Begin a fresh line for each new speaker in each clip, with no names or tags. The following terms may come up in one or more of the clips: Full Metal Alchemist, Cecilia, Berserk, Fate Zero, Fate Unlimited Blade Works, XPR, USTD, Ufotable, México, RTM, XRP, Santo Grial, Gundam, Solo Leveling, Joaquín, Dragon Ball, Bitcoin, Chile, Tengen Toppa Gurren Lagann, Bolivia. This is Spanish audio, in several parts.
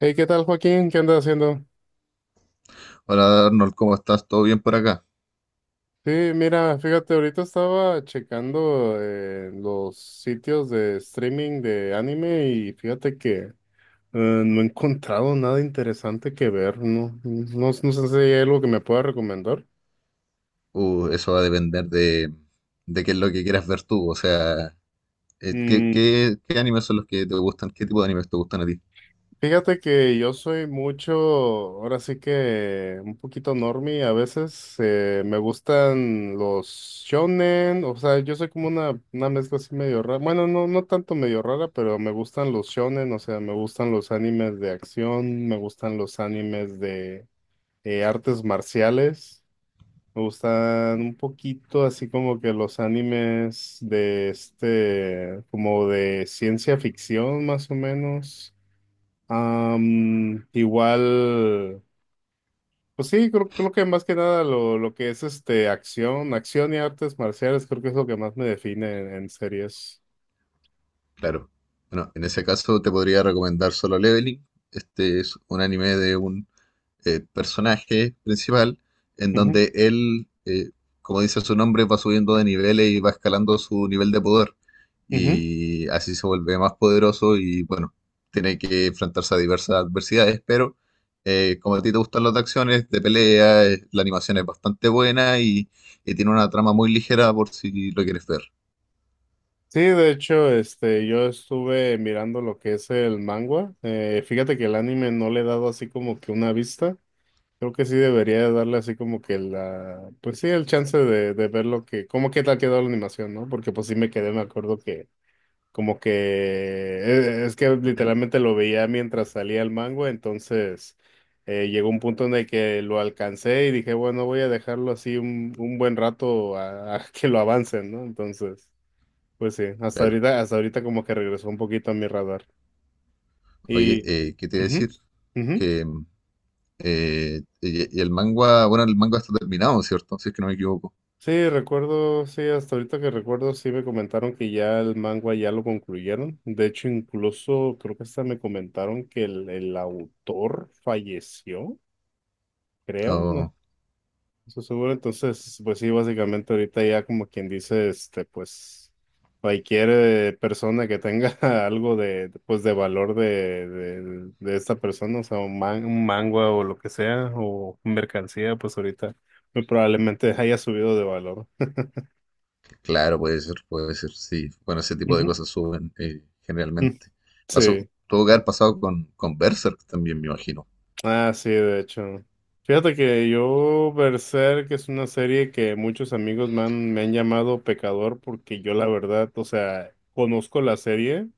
Hey, ¿qué tal, Joaquín? ¿Qué andas haciendo?
Hola Arnold, ¿cómo estás? ¿Todo bien por acá?
Sí, mira, fíjate, ahorita estaba checando los sitios de streaming de anime y fíjate que no he encontrado nada interesante que ver, ¿no? No, no sé si hay algo que me pueda recomendar.
Eso va a depender de qué es lo que quieras ver tú. O sea, ¿qué animes son los que te gustan? ¿Qué tipo de animes te gustan a ti?
Fíjate que yo soy mucho, ahora sí que un poquito normie a veces, me gustan los shonen. O sea, yo soy como una mezcla así medio rara. Bueno, no, no tanto medio rara, pero me gustan los shonen. O sea, me gustan los animes de acción, me gustan los animes de artes marciales, me gustan un poquito así como que los animes de este, como de ciencia ficción más o menos. Igual, pues sí, creo que más que nada lo que es este acción, acción y artes marciales. Creo que es lo que más me define en series.
Claro. Bueno, en ese caso te podría recomendar Solo Leveling. Este es un anime de un personaje principal, en
Ujú,
donde él como dice su nombre, va subiendo de niveles y va escalando su nivel de poder.
ujú.
Y así se vuelve más poderoso y bueno, tiene que enfrentarse a diversas adversidades, pero como a ti te gustan las de acciones, de pelea, la animación es bastante buena y tiene una trama muy ligera por si lo quieres ver.
Sí, de hecho, este, yo estuve mirando lo que es el manga. Fíjate que el anime no le he dado así como que una vista. Creo que sí debería darle así como que la, pues sí, el chance de ver lo que, cómo que tal quedó la animación, ¿no? Porque pues sí me quedé, me acuerdo que como que es que literalmente lo veía mientras salía el mango. Entonces llegó un punto en el que lo alcancé y dije, bueno, voy a dejarlo así un buen rato a que lo avancen, ¿no? Entonces, pues sí,
Claro.
hasta ahorita como que regresó un poquito a mi radar.
Oye,
Y
¿qué te iba a decir?
ujú, ujú.
Que y el manga, bueno, el manga está terminado, ¿cierto? Si es que no me equivoco.
Sí, recuerdo, sí, hasta ahorita que recuerdo, sí me comentaron que ya el manga ya lo concluyeron. De hecho, incluso creo que hasta me comentaron que el autor falleció. Creo, no, no estoy seguro. Entonces, pues sí, básicamente ahorita ya como quien dice, este, pues cualquier persona que tenga algo de, pues de valor de esta persona. O sea, un, man- un mangua o lo que sea, o mercancía, pues ahorita muy probablemente haya subido de valor.
Claro, puede ser, sí. Bueno, ese tipo de
Ujú.
cosas suben
Mm,
generalmente. Pasó,
Sí.
tuvo que haber pasado con Berserk también, me imagino.
Ah, sí, de hecho. Fíjate que yo, Berserk, es una serie que muchos amigos me han llamado pecador, porque yo la verdad, o sea, conozco la serie,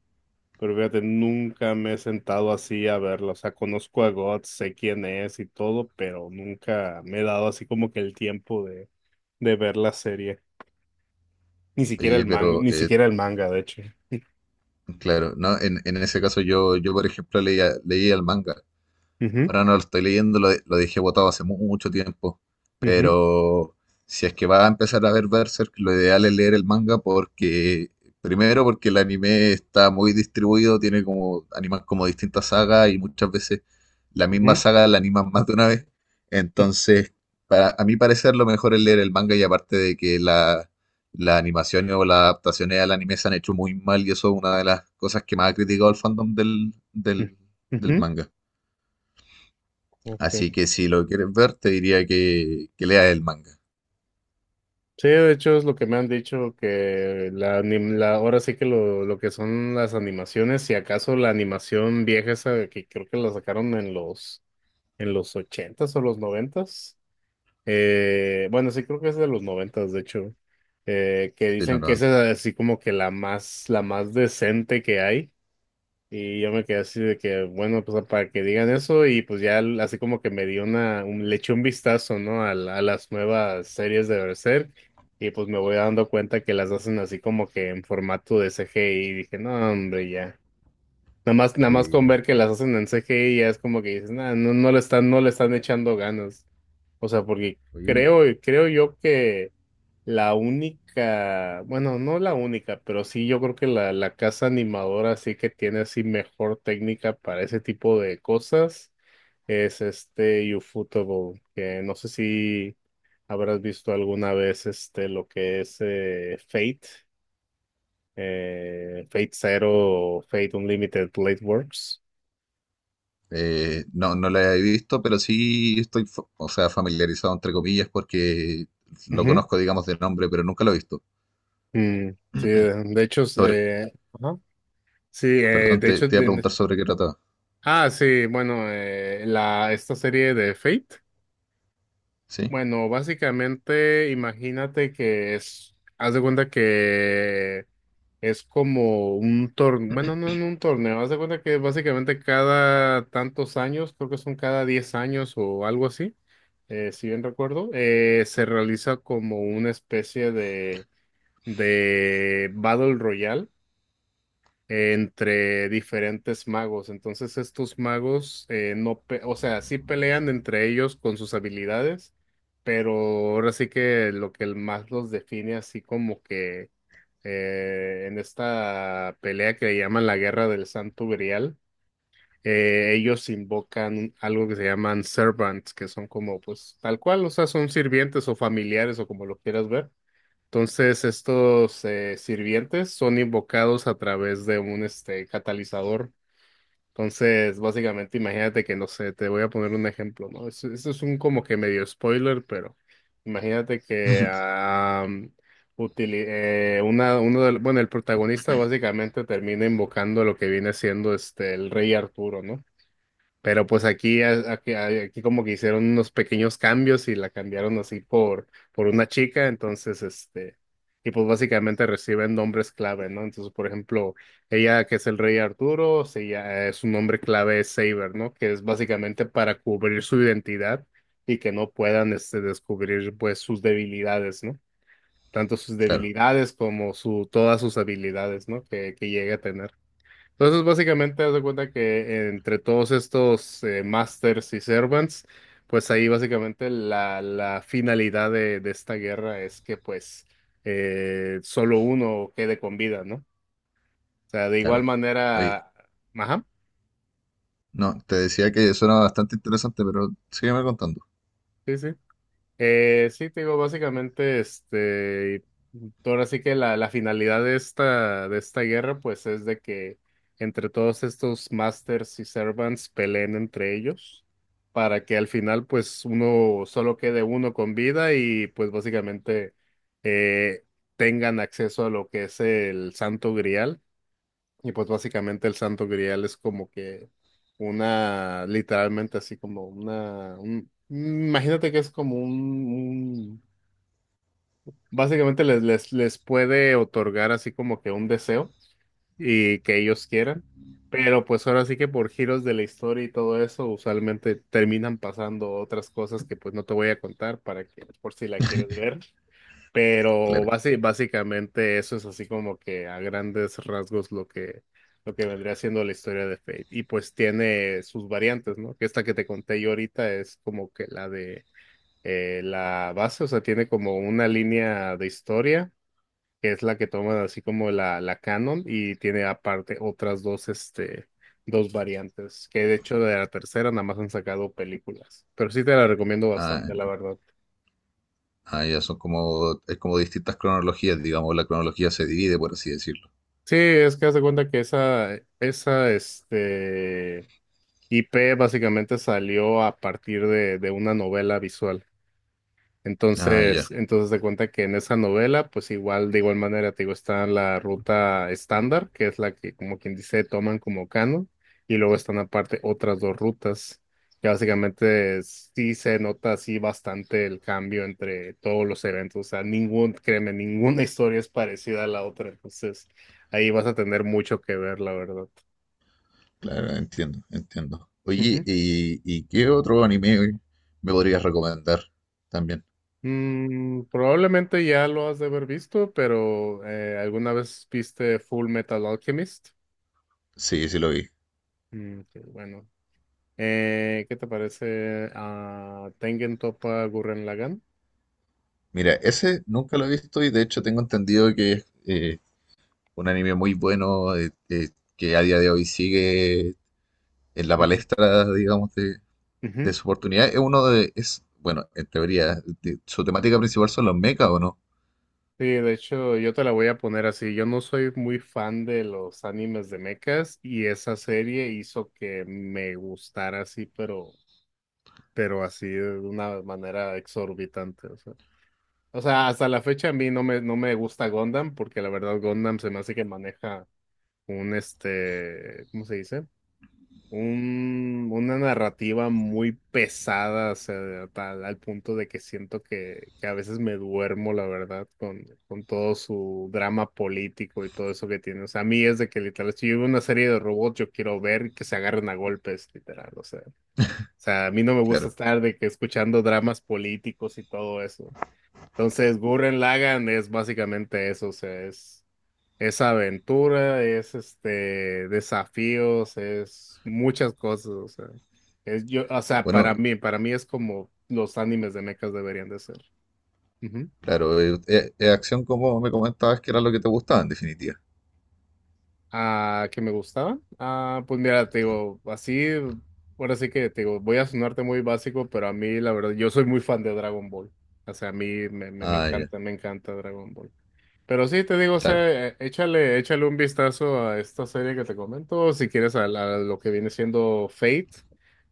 pero fíjate, nunca me he sentado así a verla. O sea, conozco a God, sé quién es y todo, pero nunca me he dado así como que el tiempo de ver la serie. Ni siquiera
Oye,
el manga,
pero
ni siquiera el manga, de hecho.
claro, no, en ese caso yo, yo por ejemplo, leía el manga.
Ujú,
Ahora no lo estoy leyendo, lo, lo dejé botado hace mucho tiempo.
ujú,
Pero si es que va a empezar a ver Berserk, lo ideal es leer el manga porque, primero, porque el anime está muy distribuido, tiene como animas como distintas sagas y muchas veces la misma
ujú,
saga la animan más de una vez. Entonces, para, a mi parecer, lo mejor es leer el manga y aparte de que la animación o las adaptaciones al anime se han hecho muy mal y eso es una de las cosas que más ha criticado el fandom
ujú, ujú.
del manga.
Ok.
Así que si lo quieres ver, te diría que leas el manga,
Sí, de hecho es lo que me han dicho, que la, anim- la- ahora sí que lo que son las animaciones, si acaso la animación vieja esa que creo que la sacaron en los ochentas o los noventas, bueno sí creo que es de los noventas de hecho, que
sí, lo
dicen que
90.
esa es así como que la más decente que hay. Y yo me quedé así de que, bueno, pues para que digan eso, y pues ya l- así como que me dio una, un, le eché un vistazo, ¿no? A, la- a las nuevas series de Berserk, y pues me voy dando cuenta que las hacen así como que en formato de CGI y dije, no, hombre, ya. Nada más, nada más
Sí,
con
¿no?
ver que las hacen en CGI ya es como que dices, "Nah, no, no le están, no le están echando ganas". O sea, porque
Oye,
creo, creo yo, la única, bueno, no la única, pero sí yo creo que la casa animadora sí que tiene así mejor técnica para ese tipo de cosas es este Ufotable, que no sé si habrás visto alguna vez este lo que es Fate, Fate Zero o Fate Unlimited Blade Works.
No, no la he visto, pero sí estoy, o sea, familiarizado entre comillas porque lo
Ujú.
conozco, digamos, de nombre, pero nunca lo he visto.
Mm, sí, de hecho, es,
Sobre,
ajá. Sí,
perdón,
de
te,
hecho,
te iba a
de-
preguntar sobre qué trataba.
ah, sí, bueno, la, esta serie de Fate.
¿Sí?
Bueno, básicamente imagínate que es, haz de cuenta que es como un torneo, bueno, no, no un torneo, haz de cuenta que básicamente cada tantos años, creo que son cada 10 años o algo así, si bien recuerdo, se realiza como una especie de Battle Royale entre diferentes magos. Entonces estos magos no, pe- o sea, sí pelean entre ellos con sus habilidades, pero ahora sí que lo que el más los define así como que en esta pelea que llaman la Guerra del Santo Grial, ellos invocan algo que se llaman servants, que son como pues tal cual. O sea, son sirvientes o familiares o como lo quieras ver. Entonces, estos sirvientes son invocados a través de un este, catalizador. Entonces, básicamente, imagínate que, no sé, te voy a poner un ejemplo, ¿no? Es- Esto es un como que medio spoiler, pero imagínate que utili- una, uno del- bueno, el protagonista básicamente termina invocando lo que viene siendo este, el rey Arturo, ¿no? Pero pues aquí, a- aquí, a- aquí como que hicieron unos pequeños cambios y la cambiaron así por una chica, entonces este, y pues básicamente reciben nombres clave, ¿no? Entonces, por ejemplo, ella que es el rey Arturo, se lla- su nombre clave es Saber, ¿no? Que es básicamente para cubrir su identidad y que no puedan este, descubrir pues sus debilidades, ¿no? Tanto sus
Claro,
debilidades como su, todas sus habilidades, ¿no? Que llegue a tener. Entonces, básicamente, haz de cuenta que entre todos estos masters y servants, pues ahí básicamente la, la finalidad de esta guerra es que pues solo uno quede con vida, ¿no? O sea, de igual
claro. Oye,
manera, ajá,
no, te decía que suena bastante interesante, pero sígueme contando.
sí, sí. Sí, te digo, básicamente, este, ahora sí que la finalidad de esta guerra, pues, es de que entre todos estos masters y servants peleen entre ellos, para que al final, pues, uno, solo quede uno con vida y, pues, básicamente, eh, tengan acceso a lo que es el Santo Grial. Y pues básicamente el Santo Grial es como que una, literalmente así como una, un- imagínate que es como un- básicamente les, les, les puede otorgar así como que un deseo y que ellos quieran, pero pues ahora sí que por giros de la historia y todo eso, usualmente terminan pasando otras cosas que pues no te voy a contar para que por si la quieres ver. Pero
Claro.
basi- básicamente eso es así como que a grandes rasgos lo que vendría siendo la historia de Fate. Y pues tiene sus variantes, ¿no? Que esta que te conté yo ahorita es como que la de la base. O sea, tiene como una línea de historia, que es la que toman así como la canon, y tiene aparte otras dos, este, dos variantes, que de hecho de la tercera nada más han sacado películas. Pero sí te la recomiendo
Ah,
bastante, la verdad.
ah, ya son como, es como distintas cronologías, digamos, la cronología se divide, por así decirlo.
Sí, es que haz de cuenta que esa, este, IP básicamente salió a partir de una novela visual.
Ah, ya.
Entonces, entonces de cuenta que en esa novela, pues igual, de igual manera, te digo, está la ruta estándar, que es la que, como quien dice, toman como canon, y luego están aparte otras dos rutas, que básicamente sí se nota así bastante el cambio entre todos los eventos. O sea, ningún, créeme, ninguna historia es parecida a la otra, entonces ahí vas a tener mucho que ver, la verdad.
Claro, entiendo, entiendo. Oye,
Ujú.
y qué otro anime me podrías recomendar también?
Probablemente ya lo has de haber visto, pero ¿alguna vez viste Full Metal Alchemist?
Sí, sí lo vi.
Qué bueno. ¿Qué te parece a Tengen Toppa Gurren Lagann?
Mira, ese nunca lo he visto y de hecho tengo entendido que es un anime muy bueno que a día de hoy sigue en la
Ujú,
palestra, digamos, de
ujú.
su oportunidad. Es uno de, es, bueno, en teoría, su temática principal son los mechas, ¿o no?
Sí, de hecho, yo te la voy a poner así. Yo no soy muy fan de los animes de mechas y esa serie hizo que me gustara así, pero así de una manera exorbitante. O sea, hasta la fecha a mí no me, no me gusta Gundam, porque la verdad Gundam se me hace que maneja un este, ¿cómo se dice? Un- una narrativa muy pesada. O sea, tal, al punto de que siento que a veces me duermo, la verdad, con todo su drama político y todo eso que tiene. O sea, a mí es de que literal, si yo veo una serie de robots, yo quiero ver que se agarren a golpes, literal. O sea, a mí no me gusta
Claro.
estar de que escuchando dramas políticos y todo eso. Entonces, Gurren Lagann es básicamente eso, o sea, es. Es aventura, es este desafíos, es muchas cosas. O sea, es yo, o sea,
Bueno,
para mí es como los animes de mechas deberían de ser. Ujú.
claro, acción como me comentabas que era lo que te gustaba en definitiva.
¿Ah, que me gustaba? Ah, pues mira, te digo, así, ahora sí que te digo, voy a sonarte muy básico, pero a mí la verdad, yo soy muy fan de Dragon Ball. O sea, a mí me, me,
Ah, ya,
me encanta Dragon Ball. Pero sí, te digo, o
claro.
sea, échale, échale un vistazo a esta serie que te comento, si quieres a, la- a lo que viene siendo Fate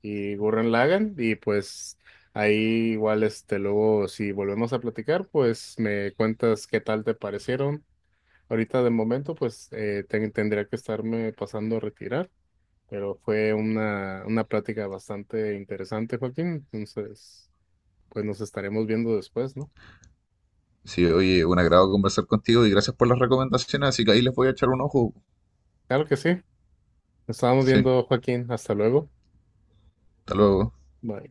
y Gurren Lagann, y pues ahí igual, este, luego si volvemos a platicar, pues me cuentas qué tal te parecieron. Ahorita de momento, pues ten- tendría que estarme pasando a retirar, pero fue una plática bastante interesante, Joaquín. Entonces, pues nos estaremos viendo después, ¿no?
Sí, oye, un agrado conversar contigo y gracias por las recomendaciones, así que ahí les voy a echar un ojo.
Claro que sí, nos estamos
Sí,
viendo, Joaquín, hasta luego.
hasta luego.
Bye.